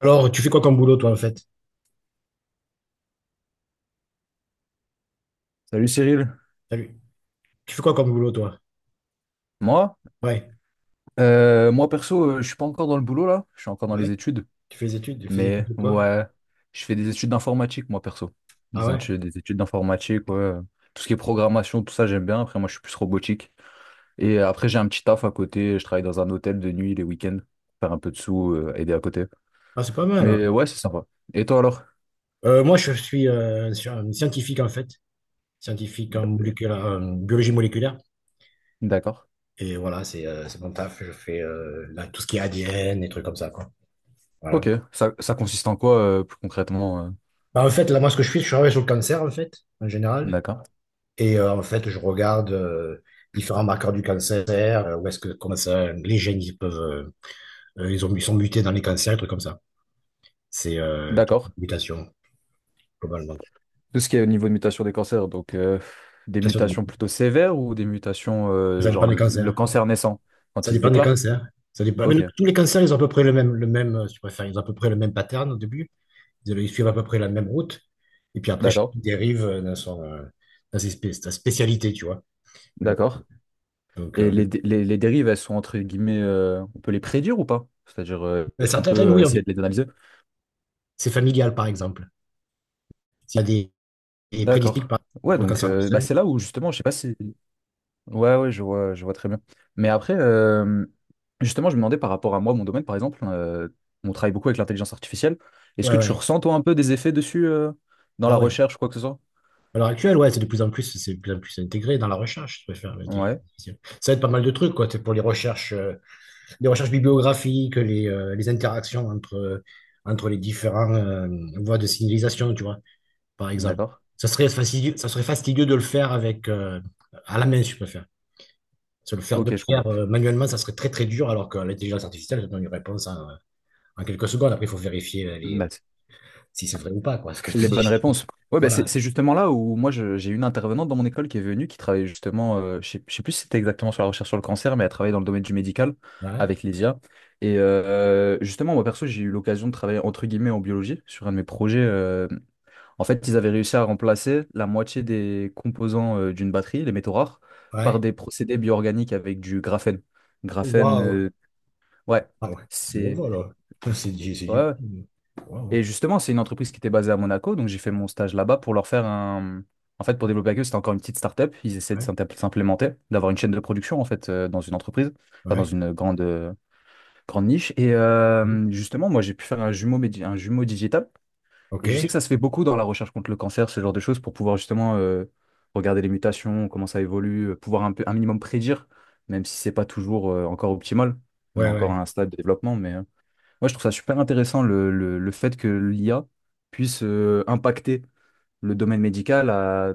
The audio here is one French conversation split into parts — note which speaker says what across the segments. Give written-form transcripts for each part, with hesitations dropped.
Speaker 1: Alors, tu fais quoi comme boulot, toi, en fait?
Speaker 2: Salut Cyril.
Speaker 1: Salut. Tu fais quoi comme boulot, toi?
Speaker 2: Moi?
Speaker 1: Ouais.
Speaker 2: Moi perso, je suis pas encore dans le boulot là, je suis encore dans
Speaker 1: Ouais.
Speaker 2: les études,
Speaker 1: Tu fais des études? Tu fais des études
Speaker 2: mais
Speaker 1: de quoi?
Speaker 2: ouais, je fais des études d'informatique moi perso.
Speaker 1: Ah ouais?
Speaker 2: Des études d'informatique, ouais. Tout ce qui est programmation, tout ça j'aime bien. Après moi je suis plus robotique. Et après j'ai un petit taf à côté, je travaille dans un hôtel de nuit les week-ends, faire un peu de sous, aider à côté.
Speaker 1: Ah, c'est pas mal, hein.
Speaker 2: Mais ouais, c'est sympa. Et toi alors?
Speaker 1: Moi, je suis un scientifique, en fait. Scientifique en en biologie moléculaire.
Speaker 2: D'accord.
Speaker 1: Et voilà, c'est mon taf. Je fais là, tout ce qui est ADN, et trucs comme ça, quoi. Voilà.
Speaker 2: Ok, ça consiste en quoi plus concrètement?
Speaker 1: Bah, en fait, là, moi, ce que je fais, je travaille sur le cancer, en fait, en général.
Speaker 2: D'accord.
Speaker 1: Et en fait, je regarde différents marqueurs du cancer, où est-ce que, comment ça, les gènes, ils peuvent, ils sont mutés dans les cancers, des trucs comme ça. C'est toute
Speaker 2: D'accord.
Speaker 1: complication, globalement.
Speaker 2: Tout ce qui est au niveau de mutation des cancers, donc des
Speaker 1: Complication
Speaker 2: mutations
Speaker 1: de-
Speaker 2: plutôt sévères ou des mutations,
Speaker 1: Ça dépend
Speaker 2: genre
Speaker 1: des
Speaker 2: le
Speaker 1: cancers.
Speaker 2: cancer naissant, quand
Speaker 1: Ça
Speaker 2: il se
Speaker 1: dépend des
Speaker 2: déclare?
Speaker 1: cancers. Ça dépend. Mais
Speaker 2: Ok,
Speaker 1: tous les cancers, ils ont à peu près le même, si tu préfères, ils ont à peu près le même pattern au début. Ils suivent à peu près la même route. Et puis après, chacun
Speaker 2: d'accord,
Speaker 1: dérive dans sa spécialité, tu vois.
Speaker 2: d'accord.
Speaker 1: Donc,
Speaker 2: Et les dérives, elles sont entre guillemets, on peut les prédire ou pas? C'est-à-dire,
Speaker 1: mais
Speaker 2: est-ce qu'on
Speaker 1: certaines,
Speaker 2: peut
Speaker 1: oui, on dit.
Speaker 2: essayer de les analyser?
Speaker 1: C'est familial, par exemple. S'il y a des prédispositions
Speaker 2: D'accord. Ouais,
Speaker 1: pour le
Speaker 2: donc
Speaker 1: cancer du
Speaker 2: bah,
Speaker 1: sein.
Speaker 2: c'est là où justement, je sais pas si. Ouais, ouais, je vois très bien. Mais après, justement, je me demandais par rapport à moi, mon domaine, par exemple, on travaille beaucoup avec l'intelligence artificielle. Est-ce
Speaker 1: Ouais,
Speaker 2: que tu
Speaker 1: ouais.
Speaker 2: ressens, toi, un peu des effets dessus dans
Speaker 1: Ah
Speaker 2: la
Speaker 1: ouais.
Speaker 2: recherche, quoi que ce soit?
Speaker 1: À l'heure actuelle, ouais, c'est de plus en plus, c'est de plus en plus intégré dans la recherche, je préfère l'intelligence
Speaker 2: Ouais,
Speaker 1: artificielle. Ça aide pas mal de trucs, quoi. C'est pour les recherches bibliographiques, les interactions entre les différents voies de signalisation, tu vois, par exemple.
Speaker 2: d'accord.
Speaker 1: Ça serait fastidieux de le faire avec à la main, je préfère. De le
Speaker 2: Ok, je
Speaker 1: faire
Speaker 2: comprends.
Speaker 1: manuellement, ça serait très très dur, alors que l'intelligence artificielle, ça donne une réponse en quelques secondes. Après, il faut vérifier
Speaker 2: Maths.
Speaker 1: si c'est vrai ou pas, quoi, ce que je te
Speaker 2: Les bonnes
Speaker 1: dis.
Speaker 2: réponses. Ouais, bah c'est
Speaker 1: Voilà.
Speaker 2: c'est justement là où moi j'ai une intervenante dans mon école qui est venue, qui travaille justement, je sais plus si c'était exactement sur la recherche sur le cancer, mais elle travaille dans le domaine du médical
Speaker 1: Ouais.
Speaker 2: avec les IA. Et justement, moi perso, j'ai eu l'occasion de travailler entre guillemets en biologie sur un de mes projets. En fait, ils avaient réussi à remplacer la moitié des composants d'une batterie, les métaux rares, par
Speaker 1: Ouais.
Speaker 2: des procédés bioorganiques avec du graphène. Graphène,
Speaker 1: Waouh.
Speaker 2: ouais,
Speaker 1: Ah ouais, c'est du
Speaker 2: c'est.
Speaker 1: revoir là. C'est du. c'est
Speaker 2: Ouais,
Speaker 1: du-
Speaker 2: ouais.
Speaker 1: Waouh.
Speaker 2: Et justement, c'est une entreprise qui était basée à Monaco, donc j'ai fait mon stage là-bas pour leur faire un... En fait, pour développer avec eux, c'était encore une petite start-up. Ils essaient de
Speaker 1: Ouais,
Speaker 2: s'implémenter, d'avoir une chaîne de production, en fait, dans une entreprise, enfin, dans
Speaker 1: ouais.
Speaker 2: une grande, grande niche. Et
Speaker 1: Mhm.
Speaker 2: justement, moi, j'ai pu faire un jumeau digital.
Speaker 1: Ok.
Speaker 2: Et je sais que
Speaker 1: Ouais,
Speaker 2: ça se fait beaucoup dans la recherche contre le cancer, ce genre de choses, pour pouvoir justement regarder les mutations, comment ça évolue, pouvoir un peu, un minimum prédire, même si c'est pas toujours encore optimal. On a encore
Speaker 1: ouais.
Speaker 2: à un stade de développement, mais... moi, je trouve ça super intéressant le fait que l'IA puisse impacter le domaine médical,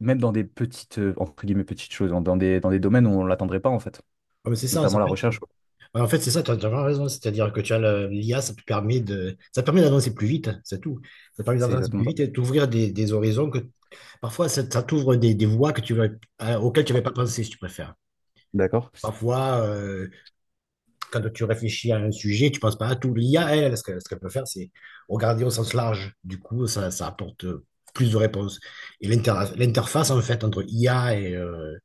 Speaker 2: même dans des petites, entre guillemets, petites choses, dans des domaines où on ne l'attendrait pas, en fait,
Speaker 1: Ah, mais c'est ça, en fait,
Speaker 2: notamment la recherche, quoi.
Speaker 1: ouais, en fait c'est ça, tu as vraiment raison. C'est-à-dire que tu as l'IA, ça te permet ça te permet d'avancer plus vite, c'est tout. Ça te permet
Speaker 2: C'est
Speaker 1: d'avancer
Speaker 2: exactement
Speaker 1: plus
Speaker 2: ça.
Speaker 1: vite et d'ouvrir des horizons que parfois ça t'ouvre des voies que auxquelles tu n'avais pas pensé, si tu préfères.
Speaker 2: D'accord?
Speaker 1: Parfois, quand tu réfléchis à un sujet, tu ne penses pas à tout. L'IA, elle, ce qu'elle peut faire, c'est regarder au sens large. Du coup, ça apporte plus de réponses. Et l'interface, en fait, entre IA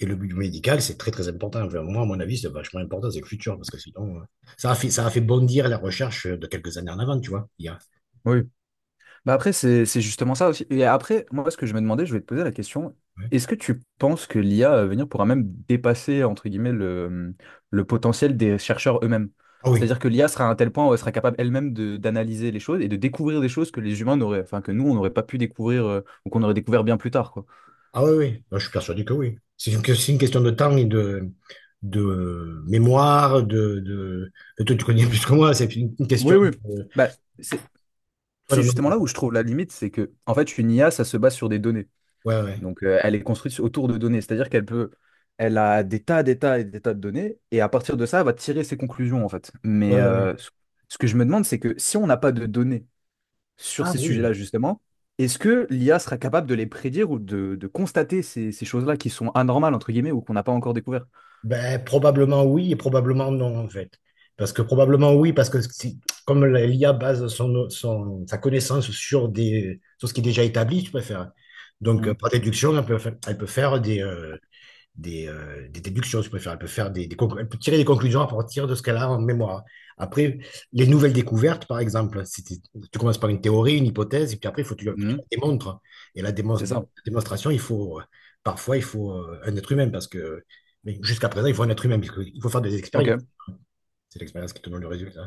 Speaker 1: et le milieu médical, c'est très, très important. Enfin, moi, à mon avis, c'est vachement important, c'est le futur, parce que ça a fait bondir la recherche de quelques années en avant, tu vois, l'IA.
Speaker 2: Oui. Bah après, c'est justement ça aussi. Et après, moi, ce que je me demandais, je vais te poser la question,
Speaker 1: Ouais.
Speaker 2: est-ce que tu penses que l'IA à venir pourra même dépasser, entre guillemets, le potentiel des chercheurs eux-mêmes?
Speaker 1: Ah oui,
Speaker 2: C'est-à-dire que l'IA sera à un tel point où elle sera capable elle-même d'analyser les choses et de découvrir des choses que les humains n'auraient, enfin, que nous, on n'aurait pas pu découvrir ou qu'on aurait découvert bien plus tard, quoi.
Speaker 1: ah oui, oui, moi, je suis persuadé que oui. C'est une question de temps de mémoire. Toi, tu connais plus que moi, c'est une question
Speaker 2: Oui, oui. Bah, c'est c'est justement là
Speaker 1: de.
Speaker 2: où je trouve la limite, c'est que, en fait, une IA, ça se base sur des données.
Speaker 1: Ouais, ouais.
Speaker 2: Donc, elle est construite autour de données, c'est-à-dire qu'elle peut, elle a des tas et des tas de données, et à partir de ça, elle va tirer ses conclusions, en fait.
Speaker 1: Ouais,
Speaker 2: Mais
Speaker 1: ouais, ouais.
Speaker 2: ce que je me demande, c'est que si on n'a pas de données sur
Speaker 1: Ah
Speaker 2: ces
Speaker 1: oui.
Speaker 2: sujets-là, justement, est-ce que l'IA sera capable de les prédire ou de constater ces choses-là qui sont anormales, entre guillemets, ou qu'on n'a pas encore découvert?
Speaker 1: Ben, probablement oui et probablement non, en fait. Parce que probablement oui, parce que si- comme l'IA base sa connaissance sur ce qui est déjà établi, tu préfères. Donc,
Speaker 2: Mhm.
Speaker 1: par déduction, elle peut faire des déductions, si vous préférez. Elle peut tirer des conclusions à partir de ce qu'elle a en mémoire. Après, les nouvelles découvertes, par exemple, si tu commences par une théorie, une hypothèse, et puis après, il faut que tu
Speaker 2: Mhm.
Speaker 1: la démontres. Et
Speaker 2: C'est ça.
Speaker 1: la démonstration, parfois, il faut un être humain, parce que mais jusqu'à présent, il faut un être humain, parce qu'il faut faire des expériences.
Speaker 2: Ok.
Speaker 1: C'est l'expérience qui te donne le résultat.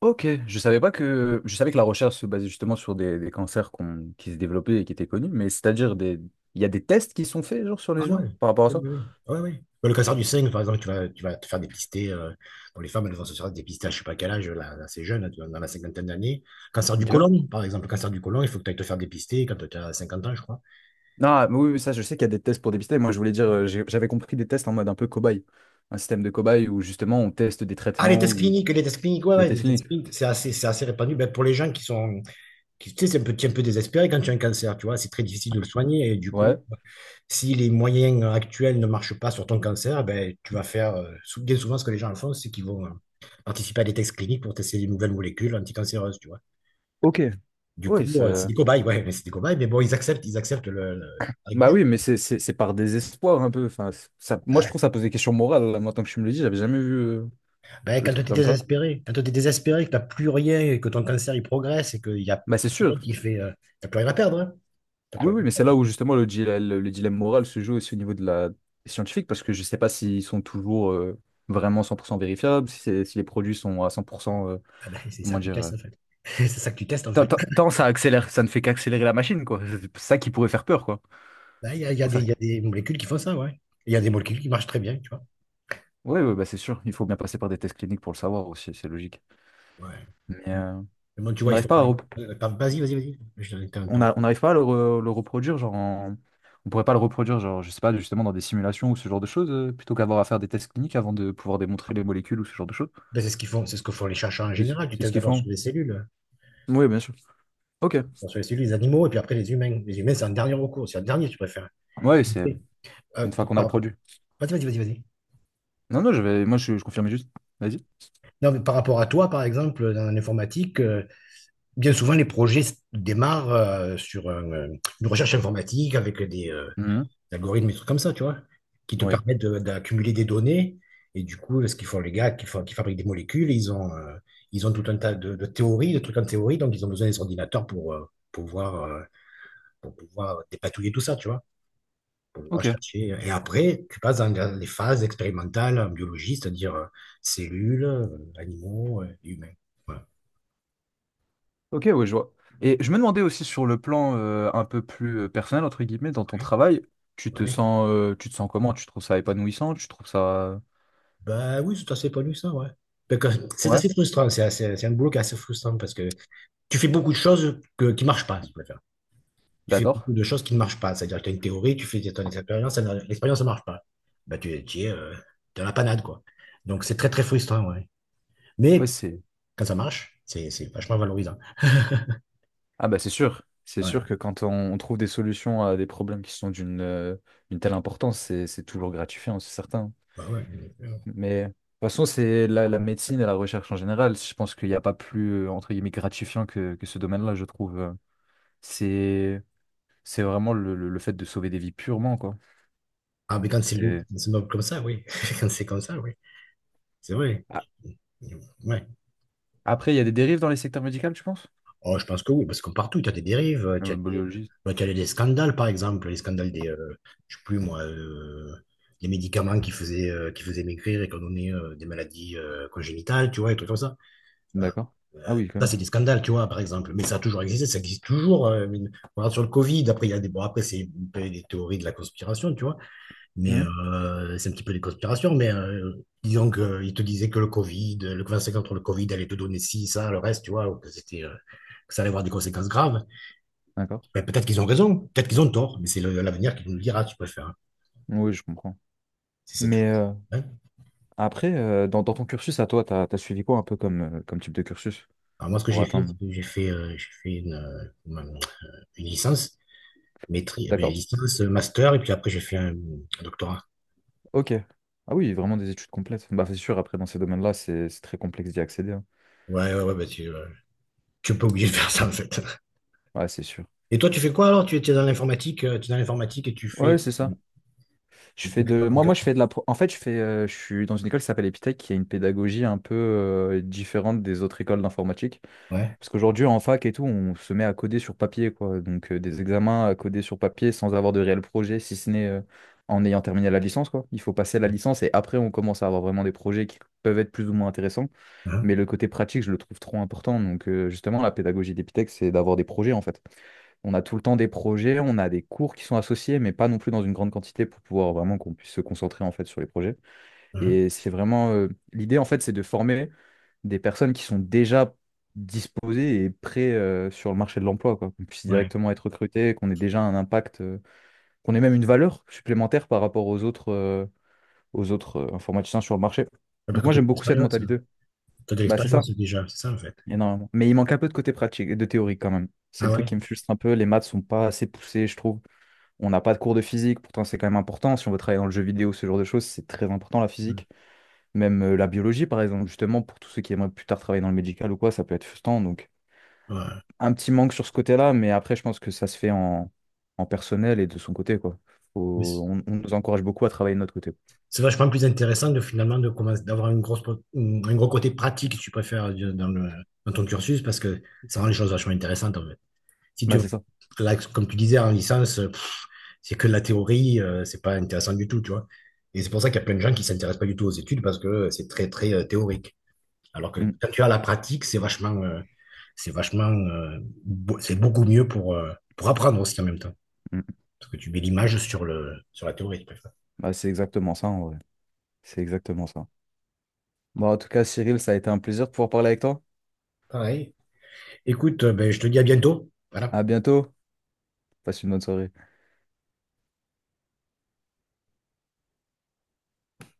Speaker 2: Ok. Je savais pas que, je savais que la recherche se basait justement sur des cancers qui se développaient et qui étaient connus, mais c'est-à-dire des, il y a des tests qui sont faits, genre, sur
Speaker 1: Ah
Speaker 2: les
Speaker 1: ouais,
Speaker 2: humains par rapport à
Speaker 1: oui,
Speaker 2: ça?
Speaker 1: oui, oui. Ouais, ouais. Oui. Bah, le cancer du sein, par exemple, tu vas te faire dépister, pour les femmes, elles vont se faire dépister à je sais pas quel âge, là, c'est jeune, là, tu vois, dans la cinquantaine d'années. Cancer du
Speaker 2: Ok.
Speaker 1: côlon, par exemple, le cancer du côlon, il faut que tu ailles te faire dépister quand tu as 50 ans, je crois.
Speaker 2: Non, mais oui, oui, ça, je sais qu'il y a des tests pour dépister. Moi, je voulais dire, j'avais compris des tests en mode un peu cobaye. Un système de cobaye où justement on teste des
Speaker 1: Ah, les
Speaker 2: traitements
Speaker 1: tests
Speaker 2: ou
Speaker 1: cliniques, ouais,
Speaker 2: les
Speaker 1: ouais,
Speaker 2: tests
Speaker 1: les tests
Speaker 2: cliniques.
Speaker 1: cliniques, c'est assez répandu. Ben, pour les gens qui, tu sais, c'est un peu désespéré quand tu as un cancer, tu vois, c'est très difficile de le soigner, et du
Speaker 2: Ouais.
Speaker 1: coup, si les moyens actuels ne marchent pas sur ton cancer, eh ben, bien souvent, ce que les gens font, c'est qu'ils vont participer à des tests cliniques pour tester des nouvelles molécules anticancéreuses, tu vois.
Speaker 2: Ok.
Speaker 1: Du
Speaker 2: Oui,
Speaker 1: coup, c'est des
Speaker 2: ça...
Speaker 1: cobayes, ouais, mais c'est des cobayes, mais bon, ils acceptent la règle du
Speaker 2: Bah
Speaker 1: jeu.
Speaker 2: oui, mais c'est par désespoir un peu. Enfin, ça... Moi, je
Speaker 1: Ouais.
Speaker 2: trouve que ça pose des questions morales, là. Moi, tant que je me le dis, j'avais jamais vu
Speaker 1: Ben,
Speaker 2: le
Speaker 1: quand tu es
Speaker 2: truc comme ça.
Speaker 1: désespéré, que tu n'as plus rien et que ton cancer, il progresse et qu'il y a
Speaker 2: Bah,
Speaker 1: il
Speaker 2: c'est
Speaker 1: y a
Speaker 2: sûr.
Speaker 1: rien qui fait, t'as plus rien à perdre, hein. T'as plus
Speaker 2: Oui,
Speaker 1: rien
Speaker 2: oui, mais
Speaker 1: à
Speaker 2: c'est
Speaker 1: perdre.
Speaker 2: là où justement le dilemme moral se joue aussi au niveau de la scientifique parce que je sais pas s'ils sont toujours vraiment 100% vérifiables, si, si les produits sont à 100%,
Speaker 1: Ah ben, c'est ça
Speaker 2: comment
Speaker 1: que tu
Speaker 2: dire,
Speaker 1: testes, en fait. C'est ça que tu testes, en fait.
Speaker 2: Tant ça accélère, ça ne fait qu'accélérer la machine, quoi. C'est ça qui pourrait faire peur, quoi.
Speaker 1: Ben,
Speaker 2: Faut faire...
Speaker 1: il y a des molécules qui font ça, ouais. Il y a des molécules qui marchent très bien, tu vois.
Speaker 2: Oui, oui, bah c'est sûr, il faut bien passer par des tests cliniques pour le savoir aussi, c'est logique.
Speaker 1: Ouais.
Speaker 2: Mais
Speaker 1: Mais bon, tu
Speaker 2: on
Speaker 1: vois, il
Speaker 2: n'arrive
Speaker 1: faut
Speaker 2: pas
Speaker 1: pas.
Speaker 2: à,
Speaker 1: Pardon, vas-y, vas-y, vas-y.
Speaker 2: on n'arrive pas le reproduire, genre on pourrait pas le reproduire, genre, je sais pas, justement dans des simulations ou ce genre de choses, plutôt qu'avoir à faire des tests cliniques avant de pouvoir démontrer les molécules ou ce genre de choses.
Speaker 1: Ben, c'est ce qu'ils font, c'est ce que font les chercheurs en
Speaker 2: C'est
Speaker 1: général. Tu
Speaker 2: c'est ce
Speaker 1: testes
Speaker 2: qu'ils font. Oui, bien sûr. Ok.
Speaker 1: d'abord sur les cellules, les animaux, et puis après les humains. Les humains, c'est un dernier recours, c'est un dernier, tu préfères.
Speaker 2: Ouais, c'est
Speaker 1: Euh,
Speaker 2: une fois qu'on a le
Speaker 1: par-
Speaker 2: produit.
Speaker 1: Vas-y, vas-y, vas-y, vas-y.
Speaker 2: Non, non, je vais... moi je confirme juste. Vas-y.
Speaker 1: Non, mais par rapport à toi, par exemple, dans l'informatique, bien souvent, les projets démarrent une recherche informatique avec
Speaker 2: Mhm.
Speaker 1: algorithmes, et trucs comme ça, tu vois, qui te
Speaker 2: Oui.
Speaker 1: permettent d'accumuler des données. Et du coup, ce qu'ils font, les gars, qui fabriquent des molécules, ils ont tout un tas de théories, de trucs en théorie, donc ils ont besoin des ordinateurs pour pouvoir, euh, pour pouvoir dépatouiller tout ça, tu vois, pour pouvoir
Speaker 2: Ok.
Speaker 1: chercher. Et après, tu passes dans les phases expérimentales en biologie, c'est-à-dire cellules, animaux, et humains. Voilà.
Speaker 2: Ok, ouais, je vois. Et je me demandais aussi sur le plan un peu plus personnel, entre guillemets, dans ton
Speaker 1: Ouais.
Speaker 2: travail,
Speaker 1: Ouais.
Speaker 2: tu te sens comment? Tu trouves ça épanouissant? Tu trouves ça...
Speaker 1: Bah oui, c'est assez pas lu ça, ouais. Donc, c'est
Speaker 2: Ouais,
Speaker 1: assez frustrant, c'est un boulot qui est assez frustrant parce que tu fais beaucoup de choses qui ne marchent pas, si tu préfères. Tu fais beaucoup
Speaker 2: d'accord.
Speaker 1: de choses qui ne marchent pas. C'est-à-dire que tu as une théorie, tu fais ton expérience, ça ne- l'expérience ne marche pas. Bah, tu es dans la panade, quoi. Donc, c'est très, très frustrant, ouais.
Speaker 2: Ouais,
Speaker 1: Mais
Speaker 2: c'est...
Speaker 1: quand ça marche, c'est vachement valorisant.
Speaker 2: Ah bah c'est sûr. C'est
Speaker 1: Ouais.
Speaker 2: sûr que quand on trouve des solutions à des problèmes qui sont d'une telle importance, c'est toujours gratifiant, c'est certain.
Speaker 1: Bah ouais.
Speaker 2: Mais de toute façon, c'est la médecine et la recherche en général. Je pense qu'il n'y a pas plus, entre guillemets, gratifiant que ce domaine-là, je trouve. C'est c'est vraiment le fait de sauver des vies purement, quoi.
Speaker 1: Ah, mais quand
Speaker 2: C'est
Speaker 1: c'est noble comme ça, oui. Quand c'est comme ça, oui. C'est vrai.
Speaker 2: A-
Speaker 1: Ouais.
Speaker 2: Après, il y a des dérives dans les secteurs médicaux, tu penses?
Speaker 1: Oh, je pense que oui, parce que partout, tu as des dérives,
Speaker 2: Biologiste.
Speaker 1: bah, tu as des scandales, par exemple, je sais plus moi, les médicaments qui faisaient maigrir et qui ont donné des maladies congénitales, tu vois, et trucs comme ça. Euh,
Speaker 2: D'accord. Ah oui, quand
Speaker 1: Ça,
Speaker 2: même.
Speaker 1: c'est des scandales, tu vois, par exemple, mais ça a toujours existé, ça existe toujours. On regarde sur le Covid, après, il y a bon, après, c'est un peu des théories de la conspiration, tu vois,
Speaker 2: Hmm,
Speaker 1: c'est un petit peu des conspirations, disons qu'ils te disaient que le Covid, le vaccin contre le Covid allait te donner ci, ça, le reste, tu vois, que ça allait avoir des conséquences graves.
Speaker 2: d'accord.
Speaker 1: Ben, peut-être qu'ils ont raison, peut-être qu'ils ont tort, mais c'est l'avenir qui nous le dira, tu peux faire, hein,
Speaker 2: Oui, je comprends.
Speaker 1: si c'est grave.
Speaker 2: Mais
Speaker 1: Hein.
Speaker 2: après, dans ton cursus à toi, t'as suivi quoi un peu comme, comme type de cursus
Speaker 1: Alors moi, ce que
Speaker 2: pour
Speaker 1: j'ai fait, c'est
Speaker 2: atteindre?
Speaker 1: j'ai fait une licence,
Speaker 2: D'accord.
Speaker 1: master, et puis après j'ai fait un doctorat.
Speaker 2: Ok. Ah oui, vraiment des études complètes. Bah c'est sûr, après dans ces domaines-là, c'est très complexe d'y accéder, hein.
Speaker 1: Ouais, ouais, ouais, ben, tu es pas obligé de faire ça, en fait.
Speaker 2: Ouais, c'est sûr.
Speaker 1: Et toi, tu fais quoi alors? Tu es tu es dans l'informatique et tu
Speaker 2: Ouais,
Speaker 1: fais.
Speaker 2: c'est ça. Je fais de. Je fais de la. En fait, je fais. Je suis dans une école qui s'appelle Epitech, qui a une pédagogie un peu différente des autres écoles d'informatique.
Speaker 1: Ouais.
Speaker 2: Parce qu'aujourd'hui, en fac et tout, on se met à coder sur papier, quoi. Donc, des examens à coder sur papier sans avoir de réel projet, si ce n'est en ayant terminé la licence, quoi. Il faut passer la licence et après, on commence à avoir vraiment des projets qui peuvent être plus ou moins intéressants. Mais
Speaker 1: Hein,
Speaker 2: le côté pratique, je le trouve trop important. Donc, justement, la pédagogie d'Epitech, c'est d'avoir des projets, en fait. On a tout le temps des projets, on a des cours qui sont associés, mais pas non plus dans une grande quantité pour pouvoir vraiment qu'on puisse se concentrer, en fait, sur les projets.
Speaker 1: hein,
Speaker 2: Et c'est vraiment l'idée en fait, c'est de former des personnes qui sont déjà disposées et prêtes sur le marché de l'emploi, quoi. Qu'on puisse
Speaker 1: ouais.
Speaker 2: directement être recruté, qu'on ait déjà un impact, qu'on ait même une valeur supplémentaire par rapport aux autres informaticiens sur le marché.
Speaker 1: Ah,
Speaker 2: Donc
Speaker 1: parce que
Speaker 2: moi
Speaker 1: t'as
Speaker 2: j'aime
Speaker 1: de
Speaker 2: beaucoup cette
Speaker 1: l'expérience, hein.
Speaker 2: mentalité.
Speaker 1: T'as de
Speaker 2: Bah c'est ça,
Speaker 1: l'expérience déjà, c'est ça en fait.
Speaker 2: énormément. Mais il manque un peu de côté pratique, de théorie quand même. C'est
Speaker 1: Ah
Speaker 2: le truc
Speaker 1: ouais.
Speaker 2: qui me frustre un peu. Les maths sont pas assez poussées, je trouve. On n'a pas de cours de physique, pourtant c'est quand même important. Si on veut travailler dans le jeu vidéo, ce genre de choses, c'est très important la
Speaker 1: Ouais.
Speaker 2: physique. Même la biologie, par exemple, justement, pour tous ceux qui aimeraient plus tard travailler dans le médical ou quoi, ça peut être frustrant. Donc,
Speaker 1: Ouais.
Speaker 2: un petit manque sur ce côté-là, mais après, je pense que ça se fait en personnel et de son côté, quoi.
Speaker 1: Mais c'est
Speaker 2: On nous encourage beaucoup à travailler de notre côté.
Speaker 1: c'est vachement plus intéressant de finalement de commencer d'avoir un gros côté pratique, si tu préfères, dans ton cursus, parce que ça rend les choses vachement intéressantes en fait. Si tu
Speaker 2: Bah, c'est ça.
Speaker 1: là, comme tu disais en licence, c'est que de la théorie, c'est pas intéressant du tout, tu vois. Et c'est pour ça qu'il y a plein de gens qui s'intéressent pas du tout aux études parce que c'est très très théorique. Alors que
Speaker 2: Mm,
Speaker 1: quand tu as la pratique, c'est vachement, euh, c'est beaucoup mieux pour apprendre aussi en même temps.
Speaker 2: mm.
Speaker 1: Parce que tu mets l'image sur la théorie, tu préfères.
Speaker 2: Bah, c'est exactement ça, en vrai. C'est exactement ça. Bon, en tout cas, Cyril, ça a été un plaisir de pouvoir parler avec toi.
Speaker 1: Pareil. Écoute, ben, je te dis à bientôt.
Speaker 2: À
Speaker 1: Voilà.
Speaker 2: bientôt. Passe une bonne soirée.